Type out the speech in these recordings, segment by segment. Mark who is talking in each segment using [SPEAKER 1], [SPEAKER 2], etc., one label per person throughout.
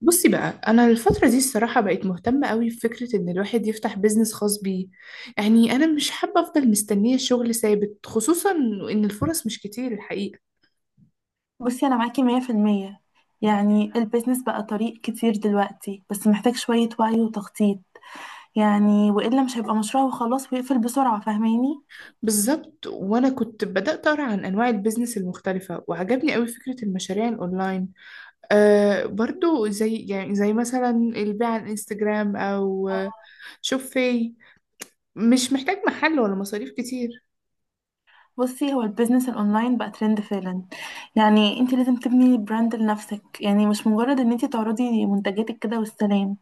[SPEAKER 1] بصي بقى، انا الفتره دي الصراحه بقيت مهتمه قوي بفكره ان الواحد يفتح بيزنس خاص بيه. يعني انا مش حابه افضل مستنيه شغل ثابت، خصوصا ان الفرص مش كتير الحقيقه.
[SPEAKER 2] بصي أنا معاكي مية في المية. يعني البيزنس بقى طريق كتير دلوقتي، بس محتاج شوية وعي وتخطيط. يعني وإلا مش هيبقى مشروع وخلاص ويقفل بسرعة، فاهماني؟
[SPEAKER 1] بالظبط. وانا كنت بدات اقرا عن انواع البيزنس المختلفه وعجبني قوي فكره المشاريع الاونلاين. آه برضو، زي مثلا البيع على الانستجرام او شوفي، مش محتاج محل ولا مصاريف كتير.
[SPEAKER 2] بصي هو البيزنس الأونلاين بقى ترند فعلا. يعني انت لازم تبني براند لنفسك، يعني مش مجرد ان انت تعرضي منتجاتك كده والسلام.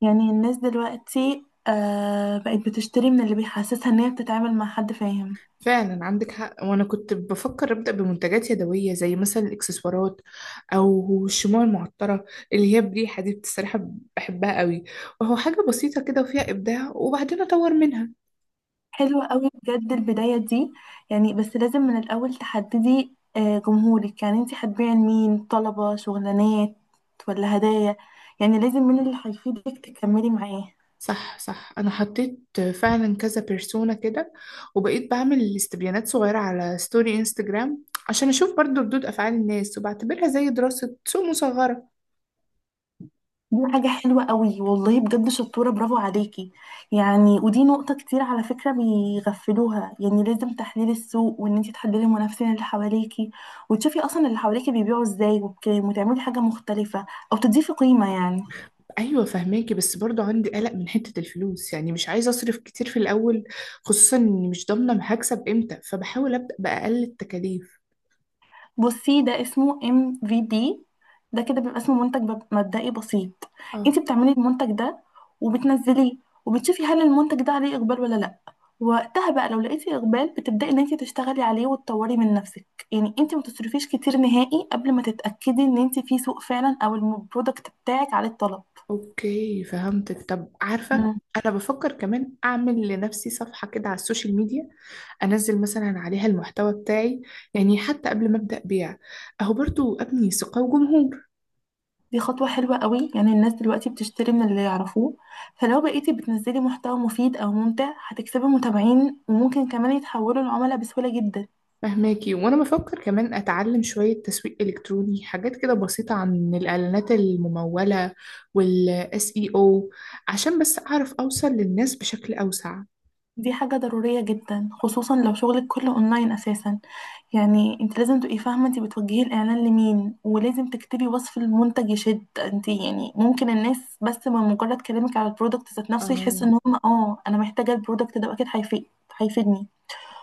[SPEAKER 2] يعني الناس دلوقتي آه بقت بتشتري من اللي بيحسسها ان هي بتتعامل مع حد فاهم.
[SPEAKER 1] فعلا عندك حق. وانا كنت بفكر ابدا بمنتجات يدويه زي مثلا الاكسسوارات او الشموع المعطره، اللي هي بريحه دي بصراحه بحبها قوي. وهو حاجه بسيطه كده وفيها ابداع وبعدين اطور منها.
[SPEAKER 2] حلوة قوي بجد البداية دي. يعني بس لازم من الأول تحددي جمهورك، يعني انتي هتبيعي لمين؟ طلبة شغلانات ولا هدايا؟ يعني لازم من اللي هيفيدك تكملي معاه.
[SPEAKER 1] صح، صح، انا حطيت فعلا كذا بيرسونا كده، وبقيت بعمل استبيانات صغيره على ستوري انستجرام عشان اشوف برضو ردود افعال الناس، وبعتبرها زي دراسه سوق مصغره.
[SPEAKER 2] دي حاجة حلوة قوي والله بجد، شطورة، برافو عليكي. يعني ودي نقطة كتير على فكرة بيغفلوها، يعني لازم تحليل السوق، وان انتي تحللي المنافسين اللي حواليكي، وتشوفي اصلا اللي حواليكي بيبيعوا ازاي وبكام، وتعملي حاجة مختلفة او تضيفي قيمة يعني.
[SPEAKER 1] ايوه، فهماكي. بس برضو عندي قلق من حته الفلوس، يعني مش عايزه اصرف كتير في الاول، خصوصا اني مش ضامنه هكسب امتى، فبحاول ابدا باقل التكاليف.
[SPEAKER 2] بصي ده اسمه ام في دي. ده كده بيبقى اسمه منتج مبدئي بسيط.
[SPEAKER 1] اه.
[SPEAKER 2] انت بتعملي المنتج ده وبتنزليه وبتشوفي هل المنتج ده عليه اقبال ولا لا. وقتها بقى لو لقيتي اقبال بتبداي ان انت تشتغلي عليه وتطوري من نفسك. يعني انت ما تصرفيش كتير نهائي قبل ما تتاكدي ان انت في سوق فعلا او البرودكت بتاعك عليه الطلب.
[SPEAKER 1] اوكي فهمتك. طب عارفه، انا بفكر كمان اعمل لنفسي صفحه كده على السوشيال ميديا، انزل مثلا عليها المحتوى بتاعي، يعني حتى قبل ما ابدا بيع، اهو برضو ابني ثقه وجمهور.
[SPEAKER 2] دي خطوة حلوة قوي. يعني الناس دلوقتي بتشتري من اللي يعرفوه، فلو بقيتي بتنزلي محتوى مفيد أو ممتع هتكسبي متابعين، وممكن كمان يتحولوا لعملاء بسهولة جدا.
[SPEAKER 1] فهماكي. وانا بفكر كمان اتعلم شوية تسويق الكتروني، حاجات كده بسيطة عن الاعلانات الممولة والاس اي او، عشان بس اعرف اوصل للناس بشكل اوسع.
[SPEAKER 2] دي حاجة ضرورية جدا خصوصا لو شغلك كله أونلاين أساسا. يعني انت لازم تبقي فاهمة انت بتوجهي الإعلان لمين، ولازم تكتبي وصف المنتج يشد انت. يعني ممكن الناس بس من مجرد كلامك على البرودكت ذات نفسه
[SPEAKER 1] اه.
[SPEAKER 2] يحس ان هم اه أنا محتاجة البرودكت ده أكيد هيفيد، هيفيدني.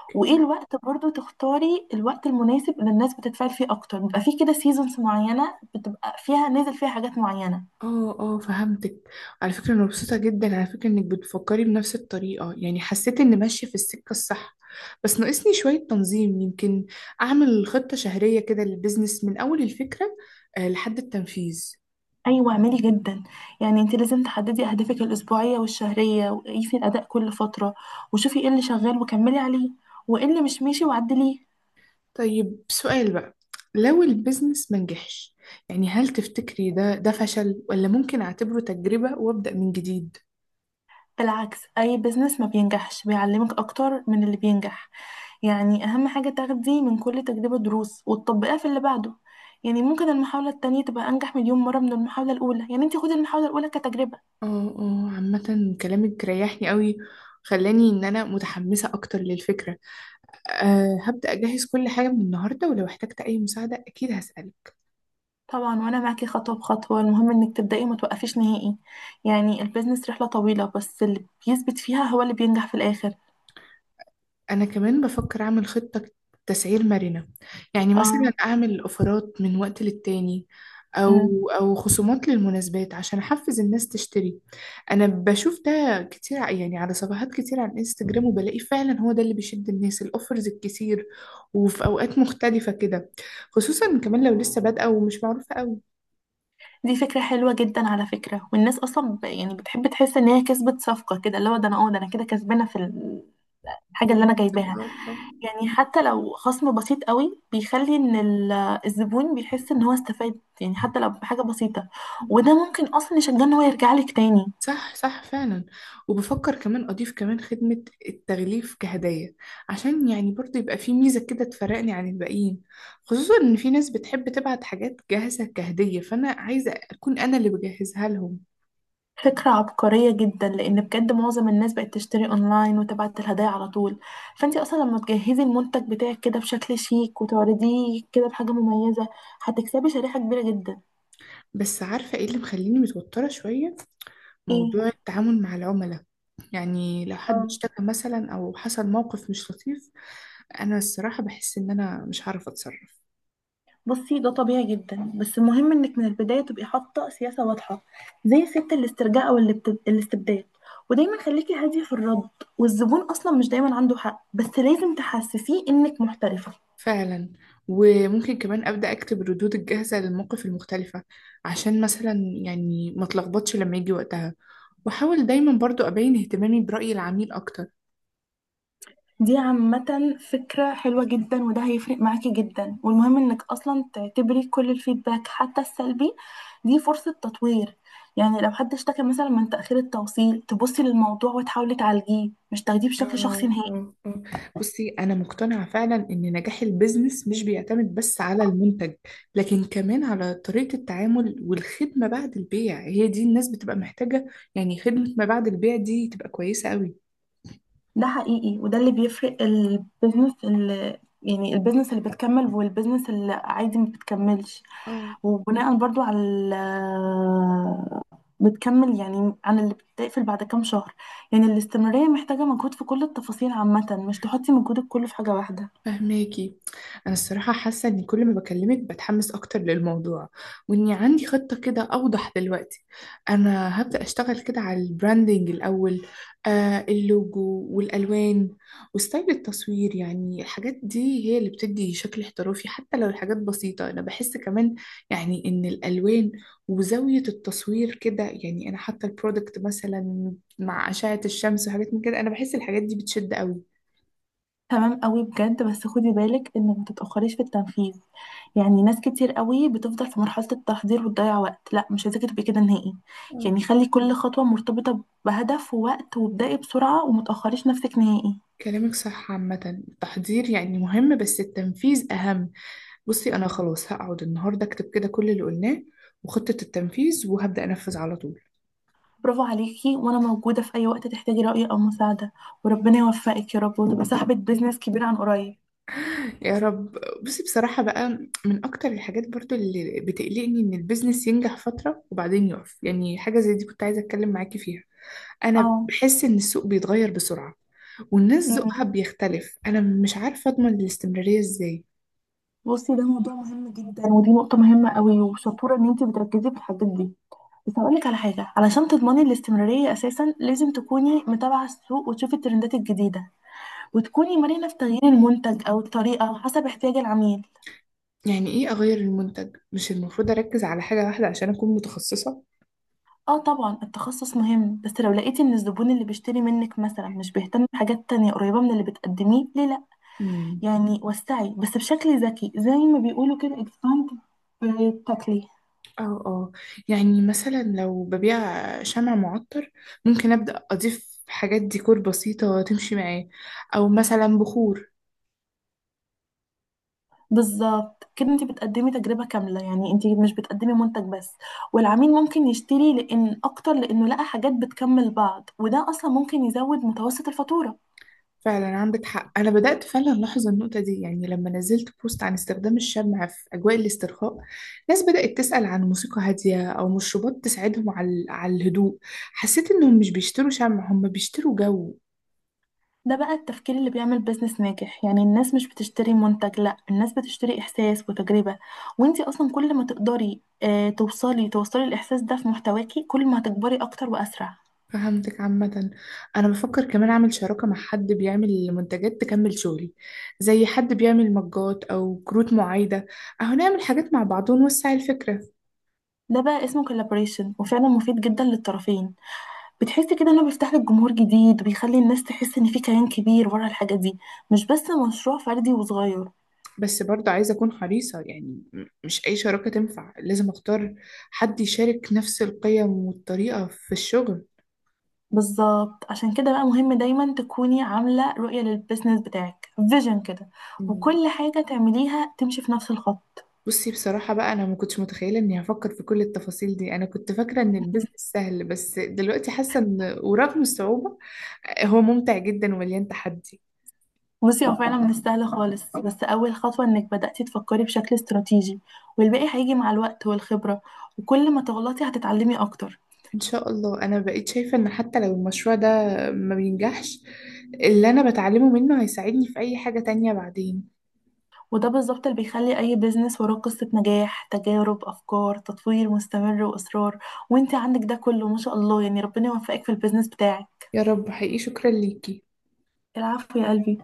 [SPEAKER 1] اوكي.
[SPEAKER 2] وايه الوقت؟ برضو تختاري الوقت المناسب اللي الناس بتتفاعل فيه اكتر. بيبقى فيه كده سيزونز معينه بتبقى فيها نازل فيها حاجات معينه.
[SPEAKER 1] اه، اه، فهمتك. على فكرة انا مبسوطة جدا على فكرة انك بتفكري بنفس الطريقة، يعني حسيت اني ماشية في السكة الصح. بس ناقصني شوية تنظيم، يمكن اعمل خطة شهرية كده للبيزنس من اول الفكرة لحد التنفيذ.
[SPEAKER 2] ايوه اعملي جدا. يعني انت لازم تحددي اهدافك الاسبوعيه والشهريه، وقيسي الاداء كل فتره، وشوفي ايه اللي شغال وكملي عليه، وايه اللي مش ماشي وعدليه.
[SPEAKER 1] طيب، سؤال بقى: لو البيزنس منجحش، يعني هل تفتكري ده فشل ولا ممكن أعتبره تجربة وأبدأ من جديد؟
[SPEAKER 2] بالعكس، اي بزنس ما بينجحش بيعلمك اكتر من اللي بينجح. يعني أهم حاجة تاخدي من كل تجربة دروس وتطبقيها في اللي بعده. يعني ممكن المحاولة التانية تبقى أنجح مليون مرة من المحاولة الأولى، يعني انتي خدي المحاولة الأولى كتجربة.
[SPEAKER 1] اه، اه، عامة كلامك ريحني قوي، خلاني إن أنا متحمسة أكتر للفكرة. أه، هبدأ أجهز كل حاجة من النهاردة، ولو احتجت أي مساعدة أكيد هسألك.
[SPEAKER 2] طبعا وأنا معاكي خطوة بخطوة، المهم إنك تبدأي وما توقفيش نهائي. يعني البيزنس رحلة طويلة بس اللي بيثبت فيها هو اللي بينجح في الآخر.
[SPEAKER 1] أنا كمان بفكر أعمل خطة تسعير مرنة، يعني مثلا
[SPEAKER 2] اه.
[SPEAKER 1] أعمل أوفرات من وقت للتاني
[SPEAKER 2] أمم.
[SPEAKER 1] أو خصومات للمناسبات عشان أحفز الناس تشتري. أنا بشوف ده كتير يعني على صفحات كتير على الإنستجرام، وبلاقي فعلا هو ده اللي بيشد الناس، الأوفرز الكتير وفي أوقات مختلفة كده، خصوصا كمان لو لسه بادئة ومش معروفة.
[SPEAKER 2] دي فكرة حلوة جدا على فكرة. والناس أصلا يعني بتحب تحس إن هي كسبت صفقة، كده اللي هو ده أنا اه ده أنا كده كسبانة في الحاجة اللي أنا جايباها.
[SPEAKER 1] أوي.
[SPEAKER 2] يعني حتى لو خصم بسيط قوي بيخلي ان الزبون بيحس ان هو استفاد، يعني حتى لو بحاجة بسيطة، وده ممكن اصلا يشجعه ان هو يرجع لك تاني.
[SPEAKER 1] صح، صح، فعلا. وبفكر كمان أضيف كمان خدمة التغليف كهدية، عشان يعني برضه يبقى في ميزة كده تفرقني عن الباقيين، خصوصا إن في ناس بتحب تبعت حاجات جاهزة كهدية، فأنا عايزة أكون أنا اللي بجهزها لهم.
[SPEAKER 2] فكرة عبقرية جدا، لان بجد معظم الناس بقت تشتري اونلاين وتبعت الهدايا على طول. فانت اصلا لما تجهزي المنتج بتاعك كده بشكل شيك وتعرضيه كده بحاجة مميزة هتكسبي شريحة كبيرة جدا.
[SPEAKER 1] بس عارفة إيه اللي مخليني متوترة شوية؟
[SPEAKER 2] ايه؟
[SPEAKER 1] موضوع التعامل مع العملاء. يعني لو حد
[SPEAKER 2] اه.
[SPEAKER 1] اشتكى مثلا أو حصل موقف مش لطيف، أنا الصراحة بحس إن أنا مش هعرف أتصرف.
[SPEAKER 2] بصي ده طبيعي جدا، بس المهم انك من البدايه تبقي حاطه سياسه واضحه، زي سياسه الاسترجاع او الاستبداد. ودايما خليكي هاديه في الرد. والزبون اصلا مش دايما عنده حق، بس لازم تحسسيه انك محترفه.
[SPEAKER 1] فعلا. وممكن كمان أبدأ أكتب الردود الجاهزة للمواقف المختلفة، عشان مثلا يعني ما اتلخبطش لما يجي وقتها، وأحاول دايما برضو أبين اهتمامي برأي العميل أكتر.
[SPEAKER 2] دي عامه فكره حلوه جدا، وده هيفرق معاكي جدا. والمهم انك اصلا تعتبري كل الفيدباك حتى السلبي دي فرصه تطوير. يعني لو حد اشتكى مثلا من تاخير التوصيل تبصي للموضوع وتحاولي تعالجيه، مش تاخديه بشكل شخصي
[SPEAKER 1] آه،
[SPEAKER 2] نهائي.
[SPEAKER 1] آه، آه. بصي أنا مقتنعة فعلا إن نجاح البيزنس مش بيعتمد بس على المنتج، لكن كمان على طريقة التعامل والخدمة بعد البيع، هي دي الناس بتبقى محتاجة، يعني خدمة ما بعد البيع دي تبقى كويسة قوي.
[SPEAKER 2] ده حقيقي، وده اللي بيفرق البيزنس اللي يعني البيزنس اللي بتكمل والبيزنس اللي عادي ما بتكملش. وبناء برضو على بتكمل يعني عن اللي بتقفل بعد كام شهر. يعني الاستمرارية محتاجة مجهود في كل التفاصيل عامة، مش تحطي مجهودك كله في حاجة واحدة.
[SPEAKER 1] فهماكي. انا الصراحه حاسه ان كل ما بكلمك بتحمس اكتر للموضوع، واني عندي خطه كده اوضح دلوقتي. انا هبدا اشتغل كده على البراندنج الاول، اللوجو والالوان وستايل التصوير، يعني الحاجات دي هي اللي بتدي شكل احترافي حتى لو الحاجات بسيطه. انا بحس كمان يعني ان الالوان وزاويه التصوير كده، يعني انا حتى البرودكت مثلا مع اشعه الشمس وحاجات من كده، انا بحس الحاجات دي بتشد قوي.
[SPEAKER 2] تمام قوي بجد، بس خدي بالك انك ما تتاخريش في التنفيذ. يعني ناس كتير قوي بتفضل في مرحله التحضير وتضيع وقت، لا مش عايزاكي تبقي كده نهائي. يعني خلي كل خطوه مرتبطه بهدف ووقت، وابدأي بسرعه وما تاخريش نفسك نهائي.
[SPEAKER 1] كلامك صح. عامة التحضير يعني مهم، بس التنفيذ أهم. بصي أنا خلاص هقعد النهاردة أكتب كده كل اللي قلناه وخطة التنفيذ، وهبدأ أنفذ على طول.
[SPEAKER 2] برافو عليكي، وانا موجوده في اي وقت تحتاجي راي او مساعده. وربنا يوفقك يا رب، وتبقي صاحبه بيزنس كبير عن قريب.
[SPEAKER 1] يا رب. بصي بصراحة بقى، من أكتر الحاجات برضو اللي بتقلقني إن البيزنس ينجح فترة وبعدين يقف، يعني حاجة زي دي كنت عايزة أتكلم معاكي فيها. أنا
[SPEAKER 2] اه.
[SPEAKER 1] بحس إن السوق بيتغير بسرعة، والناس ذوقها
[SPEAKER 2] أمم.
[SPEAKER 1] بيختلف، أنا مش عارفة أضمن الاستمرارية إزاي.
[SPEAKER 2] بصي ده موضوع مهم جدا، ودي نقطه مهمه قوي، وشطوره ان انتي بتركزي في الحاجات دي. بس هقولك على حاجة، علشان تضمني الاستمرارية أساسا لازم تكوني متابعة السوق وتشوفي الترندات الجديدة، وتكوني مرنة في تغيير المنتج أو الطريقة حسب احتياج العميل.
[SPEAKER 1] يعني إيه أغير المنتج؟ مش المفروض أركز على حاجة واحدة عشان أكون متخصصة؟
[SPEAKER 2] اه طبعا التخصص مهم، بس لو لقيتي ان الزبون اللي بيشتري منك مثلا مش بيهتم بحاجات تانية قريبة من اللي بتقدميه، ليه لأ؟
[SPEAKER 1] مم.
[SPEAKER 2] يعني وسعي بس بشكل ذكي، زي ما بيقولوا كده expand في التكليف.
[SPEAKER 1] اه، اه. يعني مثلا لو ببيع شمع معطر، ممكن أبدأ أضيف حاجات ديكور بسيطة تمشي معاه، أو مثلا بخور.
[SPEAKER 2] بالظبط كده انت بتقدمي تجربة كاملة، يعني انت مش بتقدمي منتج بس. والعميل ممكن يشتري لان اكتر لانه لقى حاجات بتكمل بعض، وده اصلا ممكن يزود متوسط الفاتورة.
[SPEAKER 1] فعلا عندك حق، أنا بدأت فعلا ألاحظ النقطة دي. يعني لما نزلت بوست عن استخدام الشمع في أجواء الاسترخاء، ناس بدأت تسأل عن موسيقى هادية أو مشروبات تساعدهم على الهدوء، حسيت إنهم مش بيشتروا شمع، هم بيشتروا جو.
[SPEAKER 2] ده بقى التفكير اللي بيعمل بيزنس ناجح. يعني الناس مش بتشتري منتج، لا الناس بتشتري احساس وتجربة. وانت اصلا كل ما تقدري اه توصلي توصلي الاحساس ده في محتواكي، كل ما هتكبري اكتر واسرع.
[SPEAKER 1] فهمتك. عامة أنا بفكر كمان أعمل شراكة مع حد بيعمل منتجات تكمل شغلي، زي حد بيعمل مجات أو كروت معايدة، أهو نعمل حاجات مع بعض ونوسع الفكرة.
[SPEAKER 2] ده بقى اسمه كولابوريشن، وفعلا مفيد جدا للطرفين. بتحس كده انه بيفتح لك جمهور جديد، وبيخلي الناس تحس ان في كيان كبير ورا الحاجة دي، مش بس مشروع فردي وصغير.
[SPEAKER 1] بس برضه عايزة أكون حريصة، يعني مش أي شراكة تنفع، لازم أختار حد يشارك نفس القيم والطريقة في الشغل.
[SPEAKER 2] بالظبط، عشان كده بقى مهم دايما تكوني عاملة رؤية للبيزنس بتاعك، فيجن كده،
[SPEAKER 1] م،
[SPEAKER 2] وكل حاجة تعمليها تمشي في نفس الخط.
[SPEAKER 1] بصي بصراحة بقى، أنا ما كنتش متخيلة إني هفكر في كل التفاصيل دي، أنا كنت فاكرة إن البيزنس سهل، بس دلوقتي حاسة إن ورغم الصعوبة، هو ممتع جدا ومليان تحدي.
[SPEAKER 2] بصي هو فعلا مش سهل خالص، بس أول خطوة إنك بدأتي تفكري بشكل استراتيجي، والباقي هيجي مع الوقت والخبرة. وكل ما تغلطي هتتعلمي أكتر.
[SPEAKER 1] ان شاء الله، انا بقيت شايفة ان حتى لو المشروع ده ما بينجحش، اللي انا بتعلمه منه هيساعدني في اي حاجة تانية بعدين.
[SPEAKER 2] وده بالظبط اللي بيخلي أي بيزنس وراه قصة نجاح، تجارب، أفكار، تطوير مستمر وإصرار. وانت عندك ده كله ما شاء الله. يعني ربنا يوفقك في البيزنس بتاعك.
[SPEAKER 1] يا رب، حقيقي شكرا ليكي.
[SPEAKER 2] العفو يا قلبي.